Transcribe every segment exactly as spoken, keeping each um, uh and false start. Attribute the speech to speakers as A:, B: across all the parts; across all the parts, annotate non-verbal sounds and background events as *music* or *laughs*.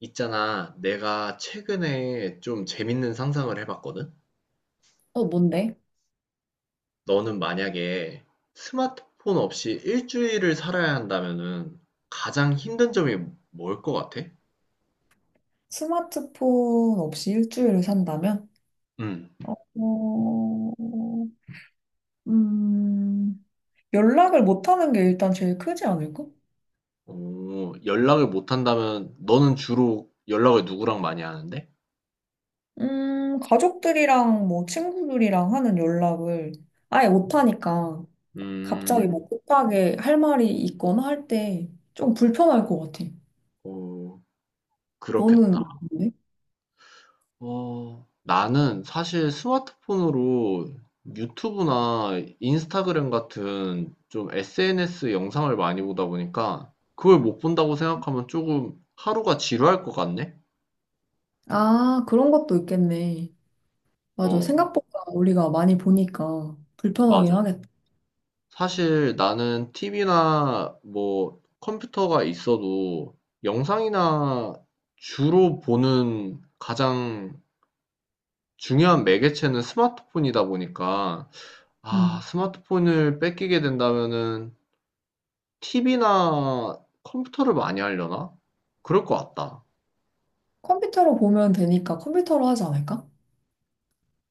A: 있잖아, 내가 최근에 좀 재밌는 상상을 해봤거든?
B: 어, 뭔데?
A: 너는 만약에 스마트폰 없이 일주일을 살아야 한다면은 가장 힘든 점이 뭘 것 같아?
B: 스마트폰 없이 일주일을 산다면?
A: 응.
B: 어, 음, 연락을 못하는 게 일단 제일 크지 않을까?
A: 오, 연락을 못 한다면 너는 주로 연락을 누구랑 많이 하는데?
B: 음, 가족들이랑 뭐 친구들이랑 하는 연락을 아예 못하니까 갑자기 음.
A: 음,
B: 뭐 급하게 할 말이 있거나 할 때 좀 불편할 것 같아.
A: 오,
B: 너는
A: 그렇겠다.
B: 어때?
A: 어, 나는 사실 스마트폰으로 유튜브나 인스타그램 같은 좀 에스엔에스 영상을 많이 보다 보니까 그걸 못 본다고 생각하면 조금 하루가 지루할 것 같네?
B: 아, 그런 것도 있겠네. 맞아.
A: 어,
B: 생각보다 우리가 많이 보니까 불편하긴
A: 맞아.
B: 하겠다.
A: 사실 나는 티비나 뭐 컴퓨터가 있어도 영상이나 주로 보는 가장 중요한 매개체는 스마트폰이다 보니까 아,
B: 음.
A: 스마트폰을 뺏기게 된다면은 티비나 컴퓨터를 많이 하려나? 그럴 것 같다.
B: 컴퓨터로 보면 되니까 컴퓨터로 하지 않을까?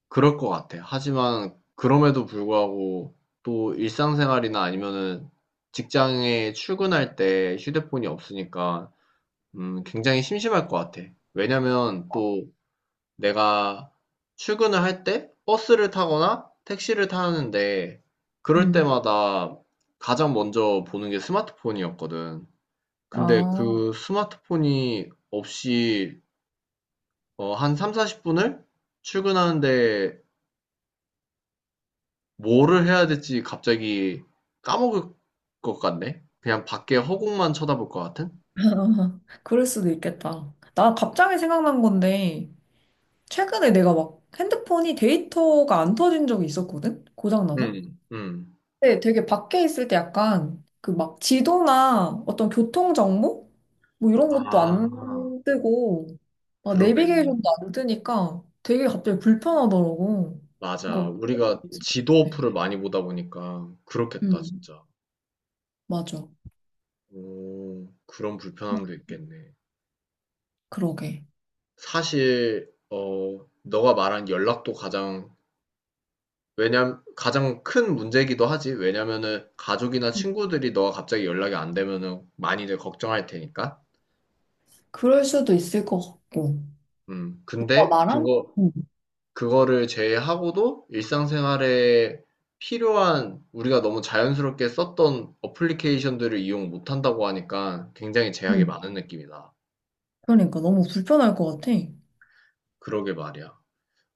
A: 그럴 것 같아. 하지만 그럼에도 불구하고 또 일상생활이나 아니면은 직장에 출근할 때 휴대폰이 없으니까 음, 굉장히 심심할 것 같아. 왜냐면 또 내가 출근을 할 때 버스를 타거나 택시를 타는데 그럴
B: 음.
A: 때마다 가장 먼저 보는 게 스마트폰이었거든. 근데
B: 아,
A: 그 스마트폰이 없이 어, 한 삼, 사십 분을 출근하는데 뭐를 해야 될지 갑자기 까먹을 것 같네. 그냥 밖에 허공만 쳐다볼 것 같은?
B: *laughs* 그럴 수도 있겠다. 나 갑자기 생각난 건데, 최근에 내가 막 핸드폰이 데이터가 안 터진 적이 있었거든? 고장나서?
A: 음, 음.
B: 근데 되게 밖에 있을 때 약간 그 막 지도나 어떤 교통정보? 뭐 이런 것도
A: 아,
B: 안 뜨고, 아,
A: 그러네.
B: 내비게이션도 안 뜨니까 되게 갑자기 불편하더라고.
A: 맞아.
B: 그거.
A: 우리가 지도 어플을 많이 보다 보니까 그렇겠다,
B: 음,
A: 진짜.
B: 맞아.
A: 오, 그런
B: 그-
A: 불편함도 있겠네.
B: 그러게.
A: 사실, 어, 너가 말한 연락도 가장 왜냐 면 가장 큰 문제이기도 하지. 왜냐면은 가족이나 친구들이 너가 갑자기 연락이 안 되면은 많이들 걱정할 테니까.
B: 그럴 수도 있을 것 같고.
A: 음.
B: 너가
A: 근데
B: 말한?
A: 그거
B: 응,
A: 그거를 제외하고도 일상생활에 필요한 우리가 너무 자연스럽게 썼던 어플리케이션들을 이용 못 한다고 하니까 굉장히 제약이
B: 응.
A: 많은 느낌이다.
B: 그러니까 너무 불편할 것 같아.
A: 그러게 말이야.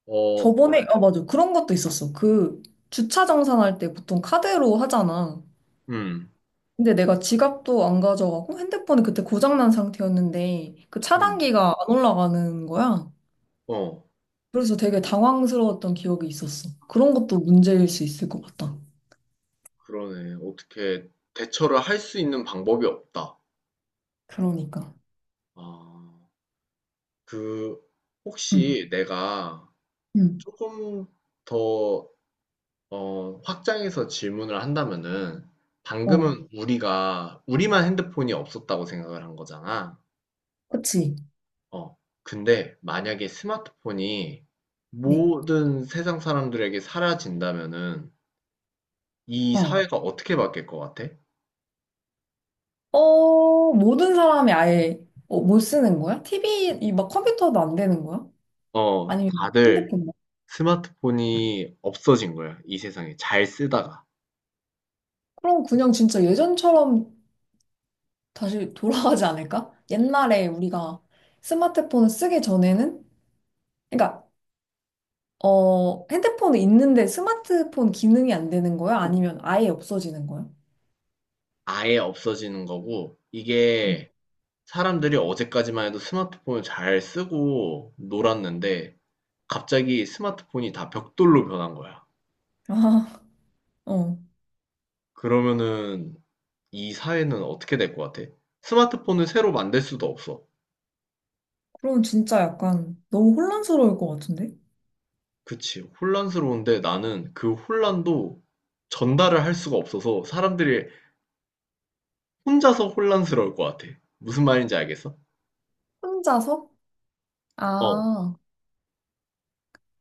A: 어,
B: 저번에, 아, 맞아. 그런 것도 있었어. 그 주차 정산할 때 보통 카드로 하잖아.
A: 음,
B: 근데 내가 지갑도 안 가져가고 핸드폰이 그때 고장난 상태였는데 그
A: 음,
B: 차단기가 안 올라가는 거야.
A: 어,
B: 그래서 되게 당황스러웠던 기억이 있었어. 그런 것도 문제일 수 있을 것 같다.
A: 그러네. 어떻게 대처를 할 수 있는 방법이 없다.
B: 그러니까.
A: 아. 그
B: 응,
A: 혹시 내가
B: 응,
A: 조금 더 어, 확장해서 질문을 한다면은
B: 어,
A: 방금은 우리가 우리만 핸드폰이 없었다고 생각을 한 거잖아.
B: 그치.
A: 어. 근데 만약에 스마트폰이
B: 네.
A: 모든 세상 사람들에게 사라진다면은 이
B: 어.
A: 사회가 어떻게 바뀔 것 같아?
B: 어, 모든 사람이 아예 어, 못 쓰는 거야? 티비, 이 막 컴퓨터도 안 되는 거야?
A: 어,
B: 아니면 핸드
A: 다들
B: 폰
A: 스마트폰이 없어진 거야. 이 세상에 잘 쓰다가
B: 그럼 그냥 진짜 예전처럼 다시 *laughs* 돌아가지 않을까? 옛날에 우리가 스마트폰을 쓰기 전에는? 그러니까, 어, 핸드폰은 있는데 스마트폰 기능이 안 되는 거야? 아니면 아예 없어지는 거야?
A: 아예 없어지는 거고
B: 응.
A: 이게 사람들이 어제까지만 해도 스마트폰을 잘 쓰고 놀았는데 갑자기 스마트폰이 다 벽돌로 변한 거야.
B: *laughs* 아, 어.
A: 그러면은 이 사회는 어떻게 될 것 같아? 스마트폰을 새로 만들 수도 없어.
B: 그럼 진짜 약간 너무 혼란스러울 것 같은데?
A: 그치. 혼란스러운데 나는 그 혼란도 전달을 할 수가 없어서 사람들이 혼자서 혼란스러울 것 같아. 무슨 말인지 알겠어?
B: 혼자서?
A: 어.
B: 아.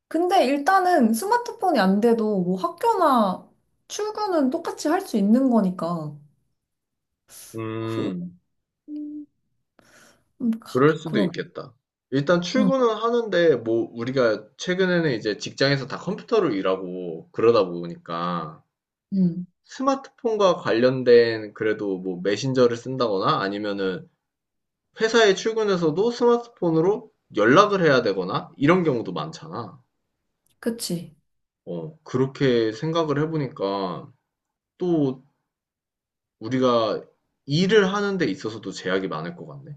B: 근데 일단은 스마트폰이 안 돼도 뭐 학교나 출근은 똑같이 할 수 있는 거니까. 그,
A: 음.
B: 음, 가,
A: 그럴 수도
B: 그러,
A: 있겠다. 일단
B: 응,
A: 출근은 하는데, 뭐, 우리가 최근에는 이제 직장에서 다 컴퓨터로 일하고 그러다 보니까
B: 응,
A: 스마트폰과 관련된 그래도 뭐 메신저를 쓴다거나 아니면은 회사에 출근해서도 스마트폰으로 연락을 해야 되거나 이런 경우도 많잖아.
B: 그치.
A: 어, 그렇게 생각을 해보니까 또 우리가 일을 하는 데 있어서도 제약이 많을 것 같네.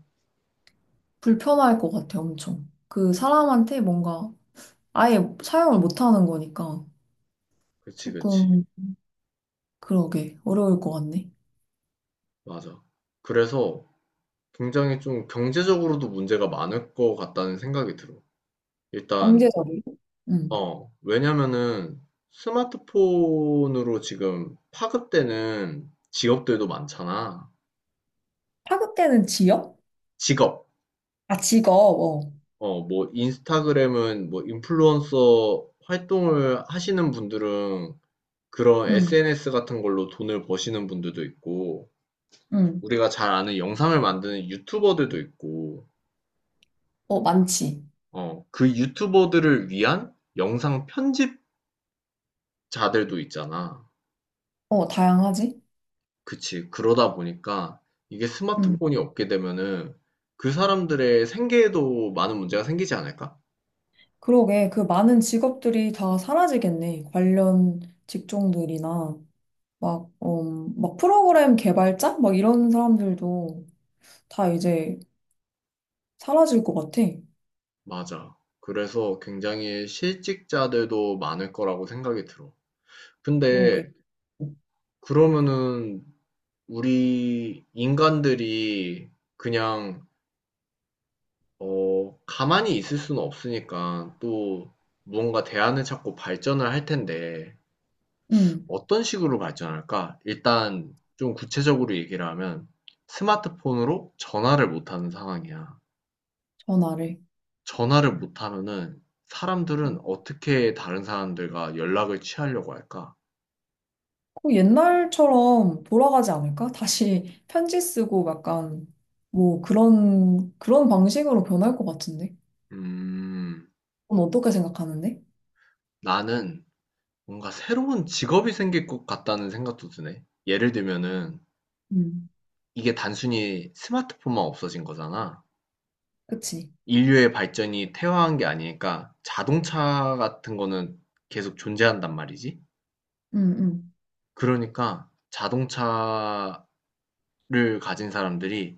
B: 불편할 것 같아, 엄청. 그 사람한테 뭔가 아예 사용을 못 하는 거니까
A: 그치, 그치.
B: 조금, 그러게, 어려울 것 같네.
A: 맞아. 그래서 굉장히 좀 경제적으로도 문제가 많을 것 같다는 생각이 들어. 일단,
B: 경제적이고. 응.
A: 어, 왜냐면은 스마트폰으로 지금 파급되는 직업들도 많잖아.
B: 파급되는 지역?
A: 직업.
B: 아, 직업, 어.
A: 어, 뭐, 인스타그램은 뭐, 인플루언서 활동을 하시는 분들은 그런
B: 응,
A: 에스엔에스 같은 걸로 돈을 버시는 분들도 있고,
B: 응.
A: 우리가 잘 아는 영상을 만드는 유튜버들도 있고,
B: 어, 많지.
A: 어, 그 유튜버들을 위한 영상 편집 자들도 있잖아.
B: 어, 다양하지?
A: 그치. 그러다 보니까 이게
B: 응.
A: 스마트폰이 없게 되면은 그 사람들의 생계에도 많은 문제가 생기지 않을까?
B: 그러게, 그 많은 직업들이 다 사라지겠네. 관련 직종들이나, 막, 어 막 프로그램 개발자? 막 이런 사람들도 다 이제 사라질 것 같아.
A: 맞아. 그래서 굉장히 실직자들도 많을 거라고 생각이 들어.
B: 그러게.
A: 근데 그러면은 우리 인간들이 그냥 어, 가만히 있을 수는 없으니까 또 무언가 대안을 찾고 발전을 할 텐데
B: 응,
A: 어떤 식으로 발전할까? 일단 좀 구체적으로 얘기를 하면 스마트폰으로 전화를 못 하는 상황이야.
B: 전화를.
A: 전화를 못 하면은 사람들은 어떻게 다른 사람들과 연락을 취하려고 할까?
B: 그 옛날처럼 돌아가지 않을까? 다시 편지 쓰고 약간, 뭐 그런, 그런 방식으로 변할 것 같은데?
A: 음,
B: 넌 어떻게 생각하는데?
A: 나는 뭔가 새로운 직업이 생길 것 같다는 생각도 드네. 예를 들면은
B: 음,
A: 이게 단순히 스마트폰만 없어진 거잖아.
B: 그치.
A: 인류의 발전이 태화한 게 아니니까 자동차 같은 거는 계속 존재한단 말이지.
B: 응, 응.
A: 그러니까 자동차를 가진 사람들이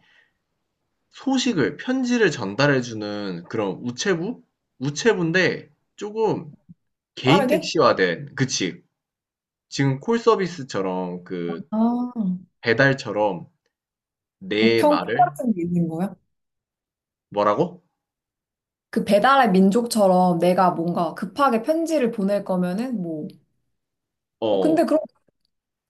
A: 소식을 편지를 전달해 주는 그런 우체부? 우체부인데 조금 개인
B: 빠르게?
A: 택시화된 그치. 지금 콜 서비스처럼 그
B: 아,
A: 배달처럼 내
B: 우편 콩
A: 말을
B: 같은 게 있는 거야?
A: 뭐라고?
B: 그 배달의 민족처럼 내가 뭔가 급하게 편지를 보낼 거면은 뭐, 어,
A: 어.
B: 근데 그럼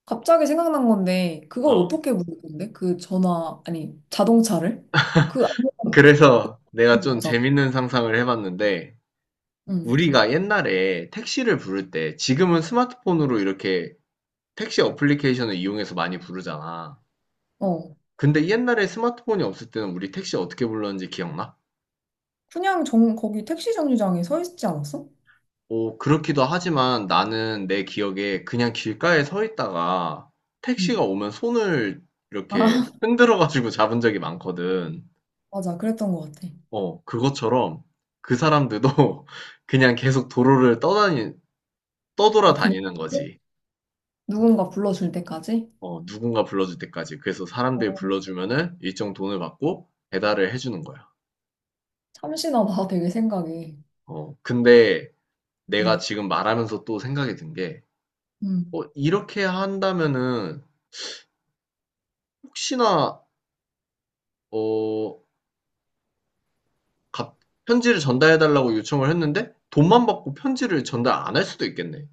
B: 갑자기 생각난 건데, 그걸
A: 어.
B: 어떻게 부를 건데? 그 전화, 아니, 자동차를? 그, 아무런 어떻게
A: 그래서 내가 좀
B: 부르잖아.
A: 재밌는 상상을 해 봤는데
B: 응,
A: 우리가 옛날에 택시를 부를 때 지금은 스마트폰으로 이렇게 택시 어플리케이션을 이용해서 많이 부르잖아.
B: 어.
A: 근데 옛날에 스마트폰이 없을 때는 우리 택시 어떻게 불렀는지 기억나?
B: 그냥 정, 거기 택시 정류장에 서 있지 않았어?
A: 오, 그렇기도 하지만 나는 내 기억에 그냥 길가에 서 있다가 택시가
B: 응.
A: 오면 손을 이렇게
B: 아, *laughs*
A: 흔들어가지고 *laughs* 잡은 적이 많거든.
B: 맞아. 그랬던 것 같아.
A: 어, 그것처럼 그 사람들도 *laughs* 그냥 계속 도로를 떠다니, 떠돌아
B: 아, 그냥
A: 다니는 거지.
B: 누군가 불러줄 때까지?
A: 어, 누군가 불러줄 때까지. 그래서 사람들이
B: 어,
A: 불러주면은 일정 돈을 받고 배달을 해주는 거야.
B: 참신하다, 되게 생각이.
A: 어, 근데 내가
B: 응,
A: 지금 말하면서 또 생각이 든 게,
B: 응.
A: 어, 이렇게 한다면은 혹시나 어, 갑- 편지를 전달해달라고 요청을 했는데 돈만 받고 편지를 전달 안 할 수도 있겠네.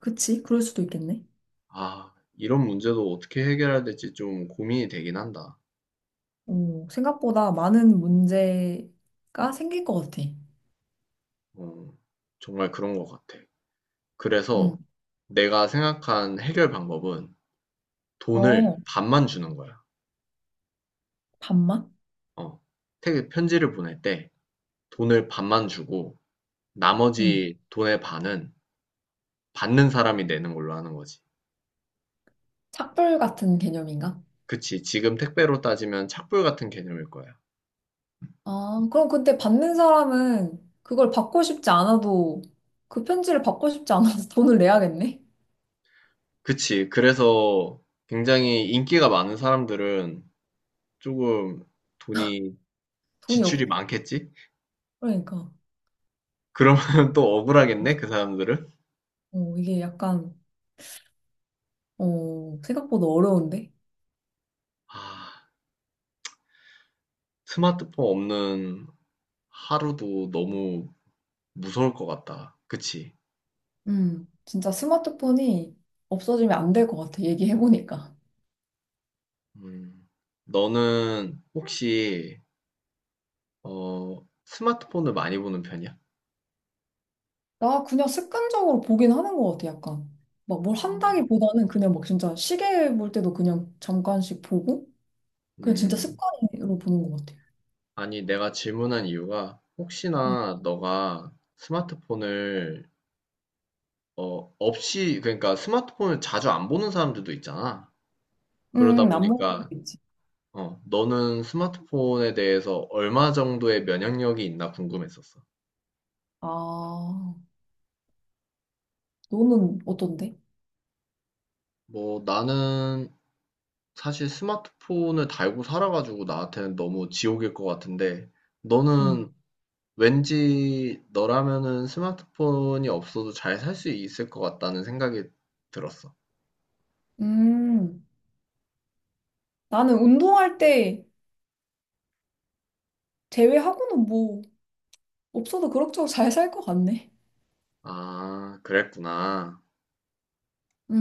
B: 그치? 그럴 수도 있겠네.
A: 아, 이런 문제도 어떻게 해결해야 될지 좀 고민이 되긴 한다.
B: 오, 생각보다 많은 문제가 생길 것 같아.
A: 어, 정말 그런 것 같아.
B: 음.
A: 그래서 내가 생각한 해결 방법은 돈을
B: 어,
A: 반만 주는 거야.
B: 반만?
A: 어, 태- 편지를 보낼 때 돈을 반만 주고
B: 응.
A: 나머지 돈의 반은 받는 사람이 내는 걸로 하는 거지.
B: 착불 같은 개념인가?
A: 그치. 지금 택배로 따지면 착불 같은 개념일 거야.
B: 아, 그럼 근데 받는 사람은 그걸 받고 싶지 않아도 그 편지를 받고 싶지 않아서 *laughs* 돈을 내야겠네?
A: 그치. 그래서 굉장히 인기가 많은 사람들은 조금 돈이
B: 돈이
A: 지출이
B: 없,
A: 많겠지?
B: 그러니까.
A: 그러면 *laughs* 또 억울하겠네, 그 사람들은.
B: 어, 이게 약간, 어, 생각보다 어려운데?
A: 아, 스마트폰 없는 하루도 너무 무서울 것 같다. 그치?
B: 음. 진짜 스마트폰이 없어지면 안 될 것 같아, 얘기해보니까.
A: 음, 너는 혹시, 어, 스마트폰을 많이 보는 편이야?
B: 나 그냥 습관적으로 보긴 하는 것 같아, 약간. 막 뭘
A: 어,
B: 한다기보다는 그냥 막 진짜 시계 볼 때도 그냥 잠깐씩 보고, 그냥 진짜
A: 음,
B: 습관으로 보는 것 같아.
A: 아니, 내가 질문한 이유가
B: 응.
A: 혹시나 너가 스마트폰을 어, 없이 그러니까 스마트폰을 자주 안 보는 사람들도 있잖아. 그러다
B: 음, 안 먹는 거
A: 보니까
B: 있지.
A: 어, 너는 스마트폰에 대해서 얼마 정도의 면역력이 있나 궁금했었어.
B: 아, 너는 어떤데?
A: 뭐 나는 사실 스마트폰을 달고 살아가지고 나한테는 너무 지옥일 것 같은데
B: 응.
A: 너는 왠지 너라면은 스마트폰이 없어도 잘 살 수 있을 것 같다는 생각이 들었어.
B: 음, 나는 운동할 때 제외하고는 뭐, 없어도 그럭저럭 잘 살 것 같네.
A: 아, 그랬구나.
B: 응.